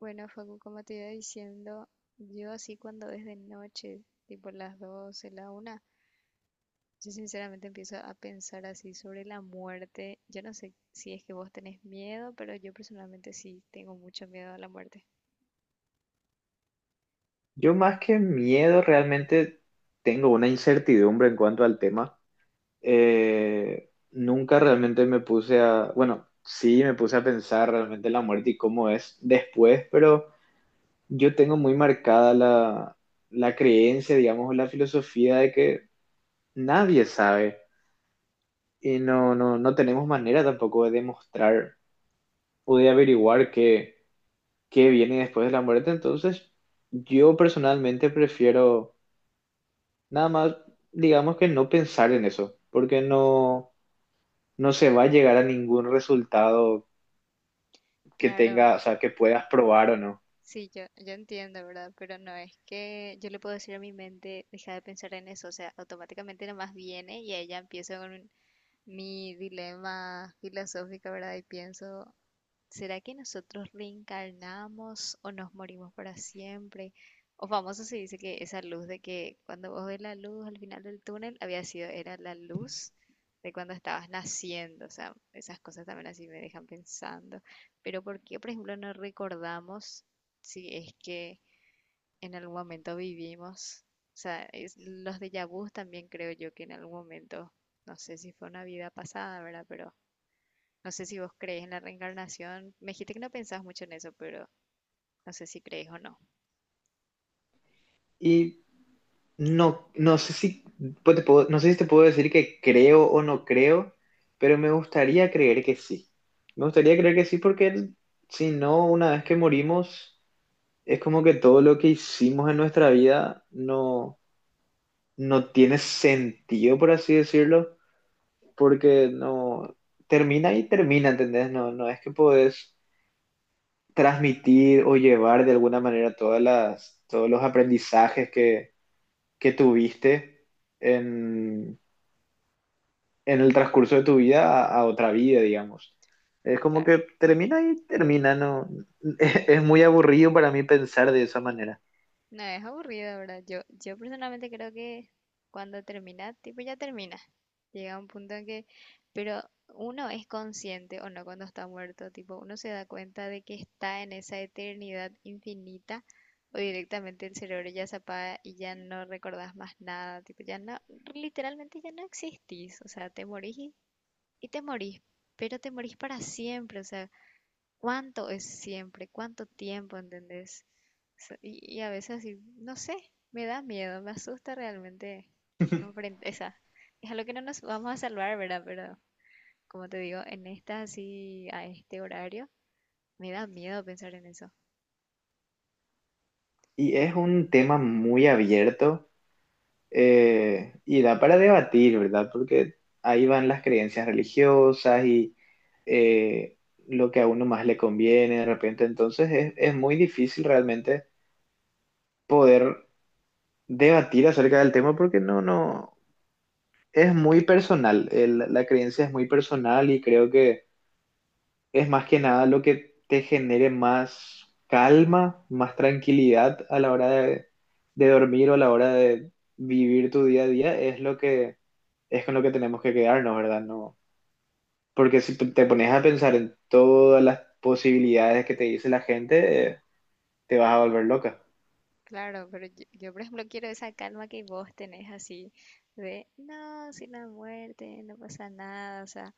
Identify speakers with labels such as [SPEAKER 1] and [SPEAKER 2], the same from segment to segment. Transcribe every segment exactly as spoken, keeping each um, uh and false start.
[SPEAKER 1] Bueno, Facu, como te iba diciendo, yo así cuando es de noche, tipo las doce, la una, yo sinceramente empiezo a pensar así sobre la muerte. Yo no sé si es que vos tenés miedo, pero yo personalmente sí tengo mucho miedo a la muerte.
[SPEAKER 2] Yo más que miedo realmente tengo una incertidumbre en cuanto al tema. Eh, nunca realmente me puse a, bueno, sí me puse a pensar realmente la muerte y cómo es después, pero yo tengo muy marcada la, la creencia, digamos, o la filosofía de que nadie sabe y no, no, no tenemos manera tampoco de demostrar o de averiguar qué, qué viene después de la muerte. Entonces, yo personalmente prefiero, nada más, digamos, que no pensar en eso, porque no, no se va a llegar a ningún resultado que
[SPEAKER 1] Claro,
[SPEAKER 2] tenga, o sea, que puedas probar o no.
[SPEAKER 1] sí, yo, yo entiendo, ¿verdad? Pero no es que yo le puedo decir a mi mente, deja de pensar en eso, o sea, automáticamente nomás viene y ella empieza con un- mi dilema filosófico, ¿verdad? Y pienso, ¿será que nosotros reencarnamos o nos morimos para siempre? O famoso se dice que esa luz de que cuando vos ves la luz al final del túnel había sido, era la luz de cuando estabas naciendo. O sea, esas cosas también así me dejan pensando. Pero ¿por qué, por ejemplo, no recordamos si es que en algún momento vivimos? O sea, es- los déjà vus también creo yo que en algún momento, no sé si fue una vida pasada, ¿verdad? Pero no sé si vos crees en la reencarnación. Me dijiste que no pensás mucho en eso, pero no sé si crees o no.
[SPEAKER 2] Y no, no sé si, pues te puedo- no sé si te puedo decir que creo o no creo, pero me gustaría creer que sí. Me gustaría creer que sí, porque si no, una vez que morimos, es como que todo lo que hicimos en nuestra vida no, no tiene sentido, por así decirlo, porque no termina y termina, ¿entendés? No, no es que podés transmitir o llevar de alguna manera todas las, todos los aprendizajes que, que tuviste en, en el transcurso de tu vida a, a otra vida, digamos. Es como
[SPEAKER 1] Claro.
[SPEAKER 2] que termina y termina, no. es, es muy aburrido para mí pensar de esa manera.
[SPEAKER 1] No, es aburrido, ¿verdad? Yo, yo personalmente creo que cuando termina, tipo ya termina. Llega un punto en que, pero uno es consciente o no cuando está muerto, tipo uno se da cuenta de que está en esa eternidad infinita o directamente el cerebro ya se apaga y ya no recordás más nada, tipo ya no, literalmente ya no existís, o sea, te morís y, y te morís, pero te morís para siempre. O sea, ¿cuánto es siempre? ¿Cuánto tiempo? ¿Entendés? So- Y, y a veces así, no sé, me da miedo, me asusta realmente enfrente, esa, es algo que no nos vamos a salvar, ¿verdad? Pero como te digo, en esta así, a este horario, me da miedo pensar en eso.
[SPEAKER 2] Y es un tema muy abierto. Eh, y da para debatir, ¿verdad? Porque ahí van las creencias religiosas y eh, lo que a uno más le conviene de repente. Entonces es, es muy difícil realmente poder debatir acerca del tema porque no, no, es muy personal. El- la creencia es muy personal y creo que es más que nada lo que te genere más calma, más tranquilidad a la hora de, de dormir o a la hora de vivir tu día a día. Es lo que es con lo que tenemos que quedarnos, ¿verdad? No, porque si te te pones a pensar en todas las posibilidades que te dice la gente, eh, te vas a volver loca.
[SPEAKER 1] Claro, pero yo, yo, por ejemplo, quiero esa calma que vos tenés así de, no, sin la muerte, no pasa nada, o sea,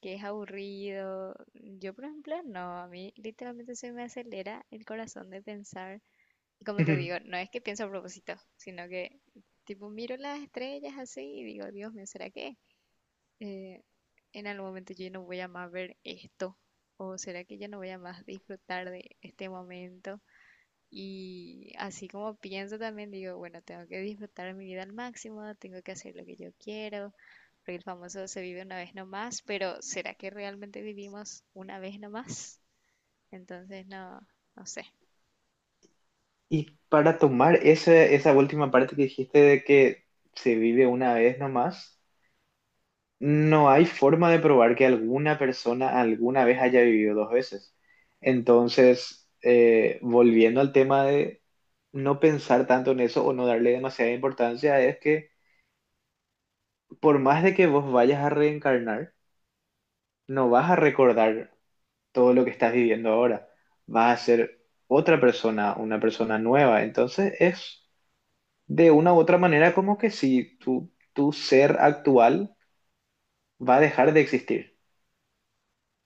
[SPEAKER 1] que es aburrido. Yo, por ejemplo, no, a mí literalmente se me acelera el corazón de pensar. Y como te digo, no es que pienso a propósito, sino que tipo miro las estrellas así y digo, Dios mío, ¿será que eh, en algún momento yo ya no voy a más ver esto? ¿O será que ya no voy a más disfrutar de este momento? Y así como pienso también, digo, bueno, tengo que disfrutar mi vida al máximo, tengo que hacer lo que yo quiero, porque el famoso se vive una vez nomás, pero ¿será que realmente vivimos una vez nomás? Entonces, no, no sé.
[SPEAKER 2] Y para tomar esa, esa última parte que dijiste de que se vive una vez nomás, no hay forma de probar que alguna persona alguna vez haya vivido dos veces. Entonces, eh, volviendo al tema de no pensar tanto en eso o no darle demasiada importancia, es que por más de que vos vayas a reencarnar, no vas a recordar todo lo que estás viviendo ahora. Vas a ser otra persona, una persona nueva. Entonces es, de una u otra manera, como que si tu, tu ser actual va a dejar de existir,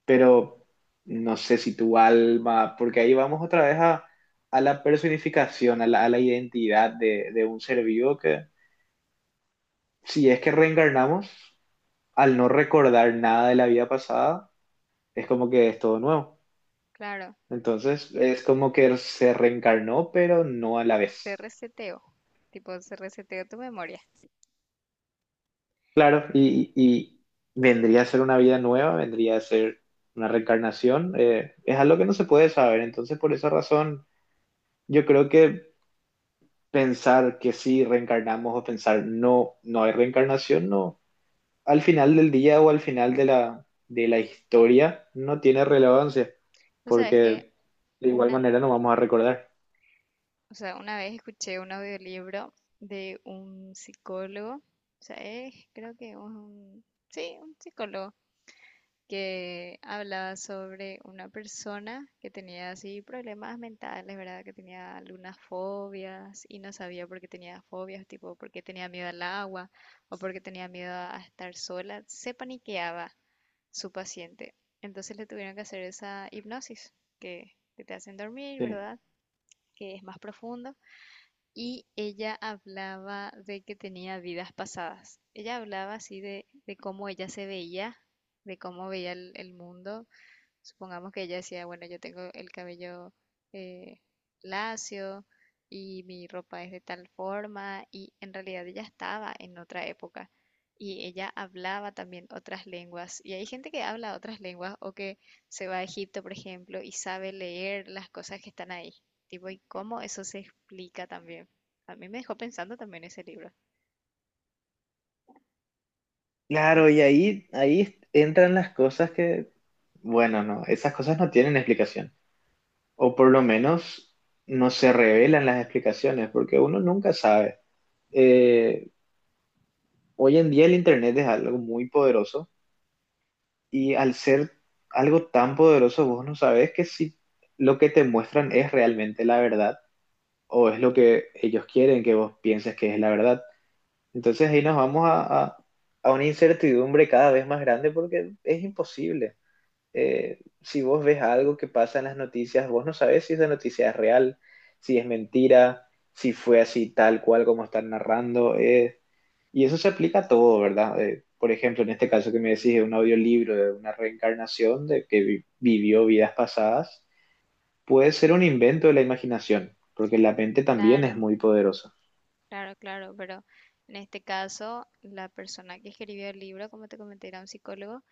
[SPEAKER 2] pero no sé si tu alma, porque ahí vamos otra vez a, a la personificación, a la, a la identidad de, de un ser vivo que, si es que reencarnamos, al no recordar nada de la vida pasada, es como que es todo nuevo.
[SPEAKER 1] Claro,
[SPEAKER 2] Entonces es como que se reencarnó, pero no a la
[SPEAKER 1] se
[SPEAKER 2] vez.
[SPEAKER 1] reseteó, tipo se reseteó tu memoria.
[SPEAKER 2] Claro, y, y vendría a ser una vida nueva, vendría a ser una reencarnación. Eh, es algo que no se puede saber. Entonces, por esa razón, yo creo que pensar que sí reencarnamos o pensar no, no hay reencarnación, no, al final del día o al final de la, de la historia no tiene relevancia,
[SPEAKER 1] O sea, es que
[SPEAKER 2] porque de igual
[SPEAKER 1] una,
[SPEAKER 2] manera no vamos a recordar.
[SPEAKER 1] o sea, una vez escuché un audiolibro de un psicólogo, o sea, es, creo que un, sí, un psicólogo que hablaba sobre una persona que tenía así problemas mentales, ¿verdad? Que tenía algunas fobias y no sabía por qué tenía fobias, tipo porque tenía miedo al agua o porque tenía miedo a estar sola, se paniqueaba su paciente. Entonces le tuvieron que hacer esa hipnosis que, que te hacen dormir,
[SPEAKER 2] Sí.
[SPEAKER 1] ¿verdad? Que es más profundo. Y ella hablaba de que tenía vidas pasadas. Ella hablaba así de, de cómo ella se veía, de cómo veía el, el mundo. Supongamos que ella decía, bueno, yo tengo el cabello eh, lacio y mi ropa es de tal forma, y en realidad ella estaba en otra época, y ella hablaba también otras lenguas, y hay gente que habla otras lenguas o que se va a Egipto, por ejemplo, y sabe leer las cosas que están ahí. Tipo, ¿y cómo eso se explica también? A mí me dejó pensando también ese libro. ¿No?
[SPEAKER 2] Claro, y ahí, ahí entran las cosas que, bueno, no, esas cosas no tienen explicación. O por lo menos no se revelan las explicaciones, porque uno nunca sabe. Eh, Hoy en día el Internet es algo muy poderoso, y al ser algo tan poderoso, vos no sabes que si lo que te muestran es realmente la verdad o es lo que ellos quieren que vos pienses que es la verdad. Entonces ahí nos vamos a, a a una incertidumbre cada vez más grande, porque es imposible. Eh, si vos ves algo que pasa en las noticias, vos no sabés si esa noticia es real, si es mentira, si fue así tal cual como están narrando. Eh, y eso se aplica a todo, ¿verdad? Eh, por ejemplo, en este caso que me decís de un audiolibro, de una reencarnación de que vi- vivió vidas pasadas, puede ser un invento de la imaginación, porque la mente también es
[SPEAKER 1] Claro,
[SPEAKER 2] muy poderosa.
[SPEAKER 1] claro, claro, pero en este caso la persona que escribió el libro, como te comenté, era un psicólogo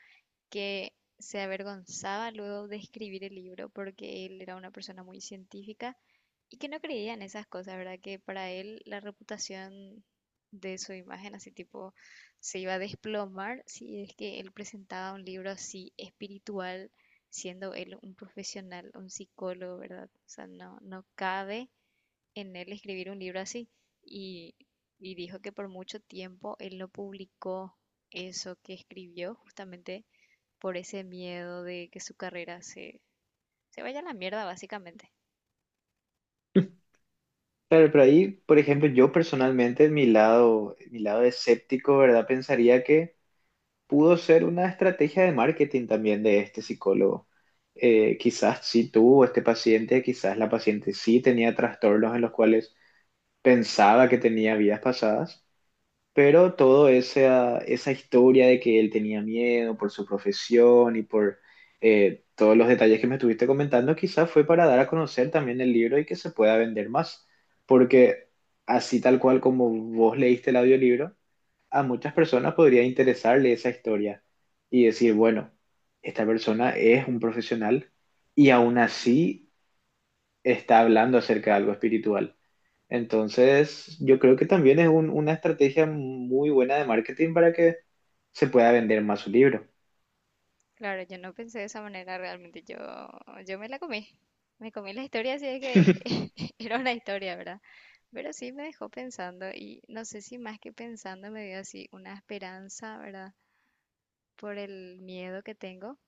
[SPEAKER 1] que se avergonzaba luego de escribir el libro porque él era una persona muy científica y que no creía en esas cosas, ¿verdad? Que para él la reputación de su imagen así tipo se iba a desplomar si es que él presentaba un libro así espiritual, siendo él un profesional, un psicólogo, ¿verdad? O sea, no, no cabe en él escribir un libro así. Y, y dijo que por mucho tiempo él no publicó eso que escribió justamente por ese miedo de que su carrera se, se vaya a la mierda, básicamente.
[SPEAKER 2] Claro, pero ahí, por ejemplo, yo personalmente, mi lado, mi lado escéptico, ¿verdad? Pensaría que pudo ser una estrategia de marketing también de este psicólogo. Eh, quizás sí tuvo este paciente, quizás la paciente sí tenía trastornos en los cuales pensaba que tenía vidas pasadas, pero todo esa, esa historia de que él tenía miedo por su profesión y por eh, todos los detalles que me estuviste comentando, quizás fue para dar a conocer también el libro y que se pueda vender más, porque así tal cual como vos leíste el audiolibro, a muchas personas podría interesarle esa historia y decir, bueno, esta persona es un profesional y aún así está hablando acerca de algo espiritual. Entonces, yo creo que también es un- una estrategia muy buena de marketing para que se pueda vender más su libro.
[SPEAKER 1] Claro, yo no pensé de esa manera realmente, yo, yo me la comí, me comí la historia, así es que era una historia, ¿verdad? Pero sí me dejó pensando y no sé si más que pensando me dio así una esperanza, ¿verdad? Por el miedo que tengo,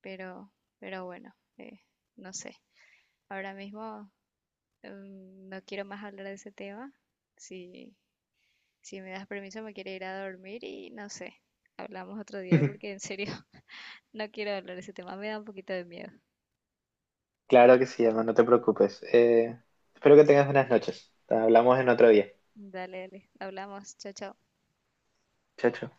[SPEAKER 1] pero, pero bueno, eh, no sé. Ahora mismo mm, no quiero más hablar de ese tema. Si Si me das permiso, me quiero ir a dormir y no sé. Hablamos otro día porque en serio no quiero hablar de ese tema, me da un poquito de miedo.
[SPEAKER 2] Claro que sí, Emma, no te preocupes. Eh, espero que tengas buenas noches. Hablamos en otro día.
[SPEAKER 1] Dale, dale. Hablamos. Chao, chao.
[SPEAKER 2] Chao, chao.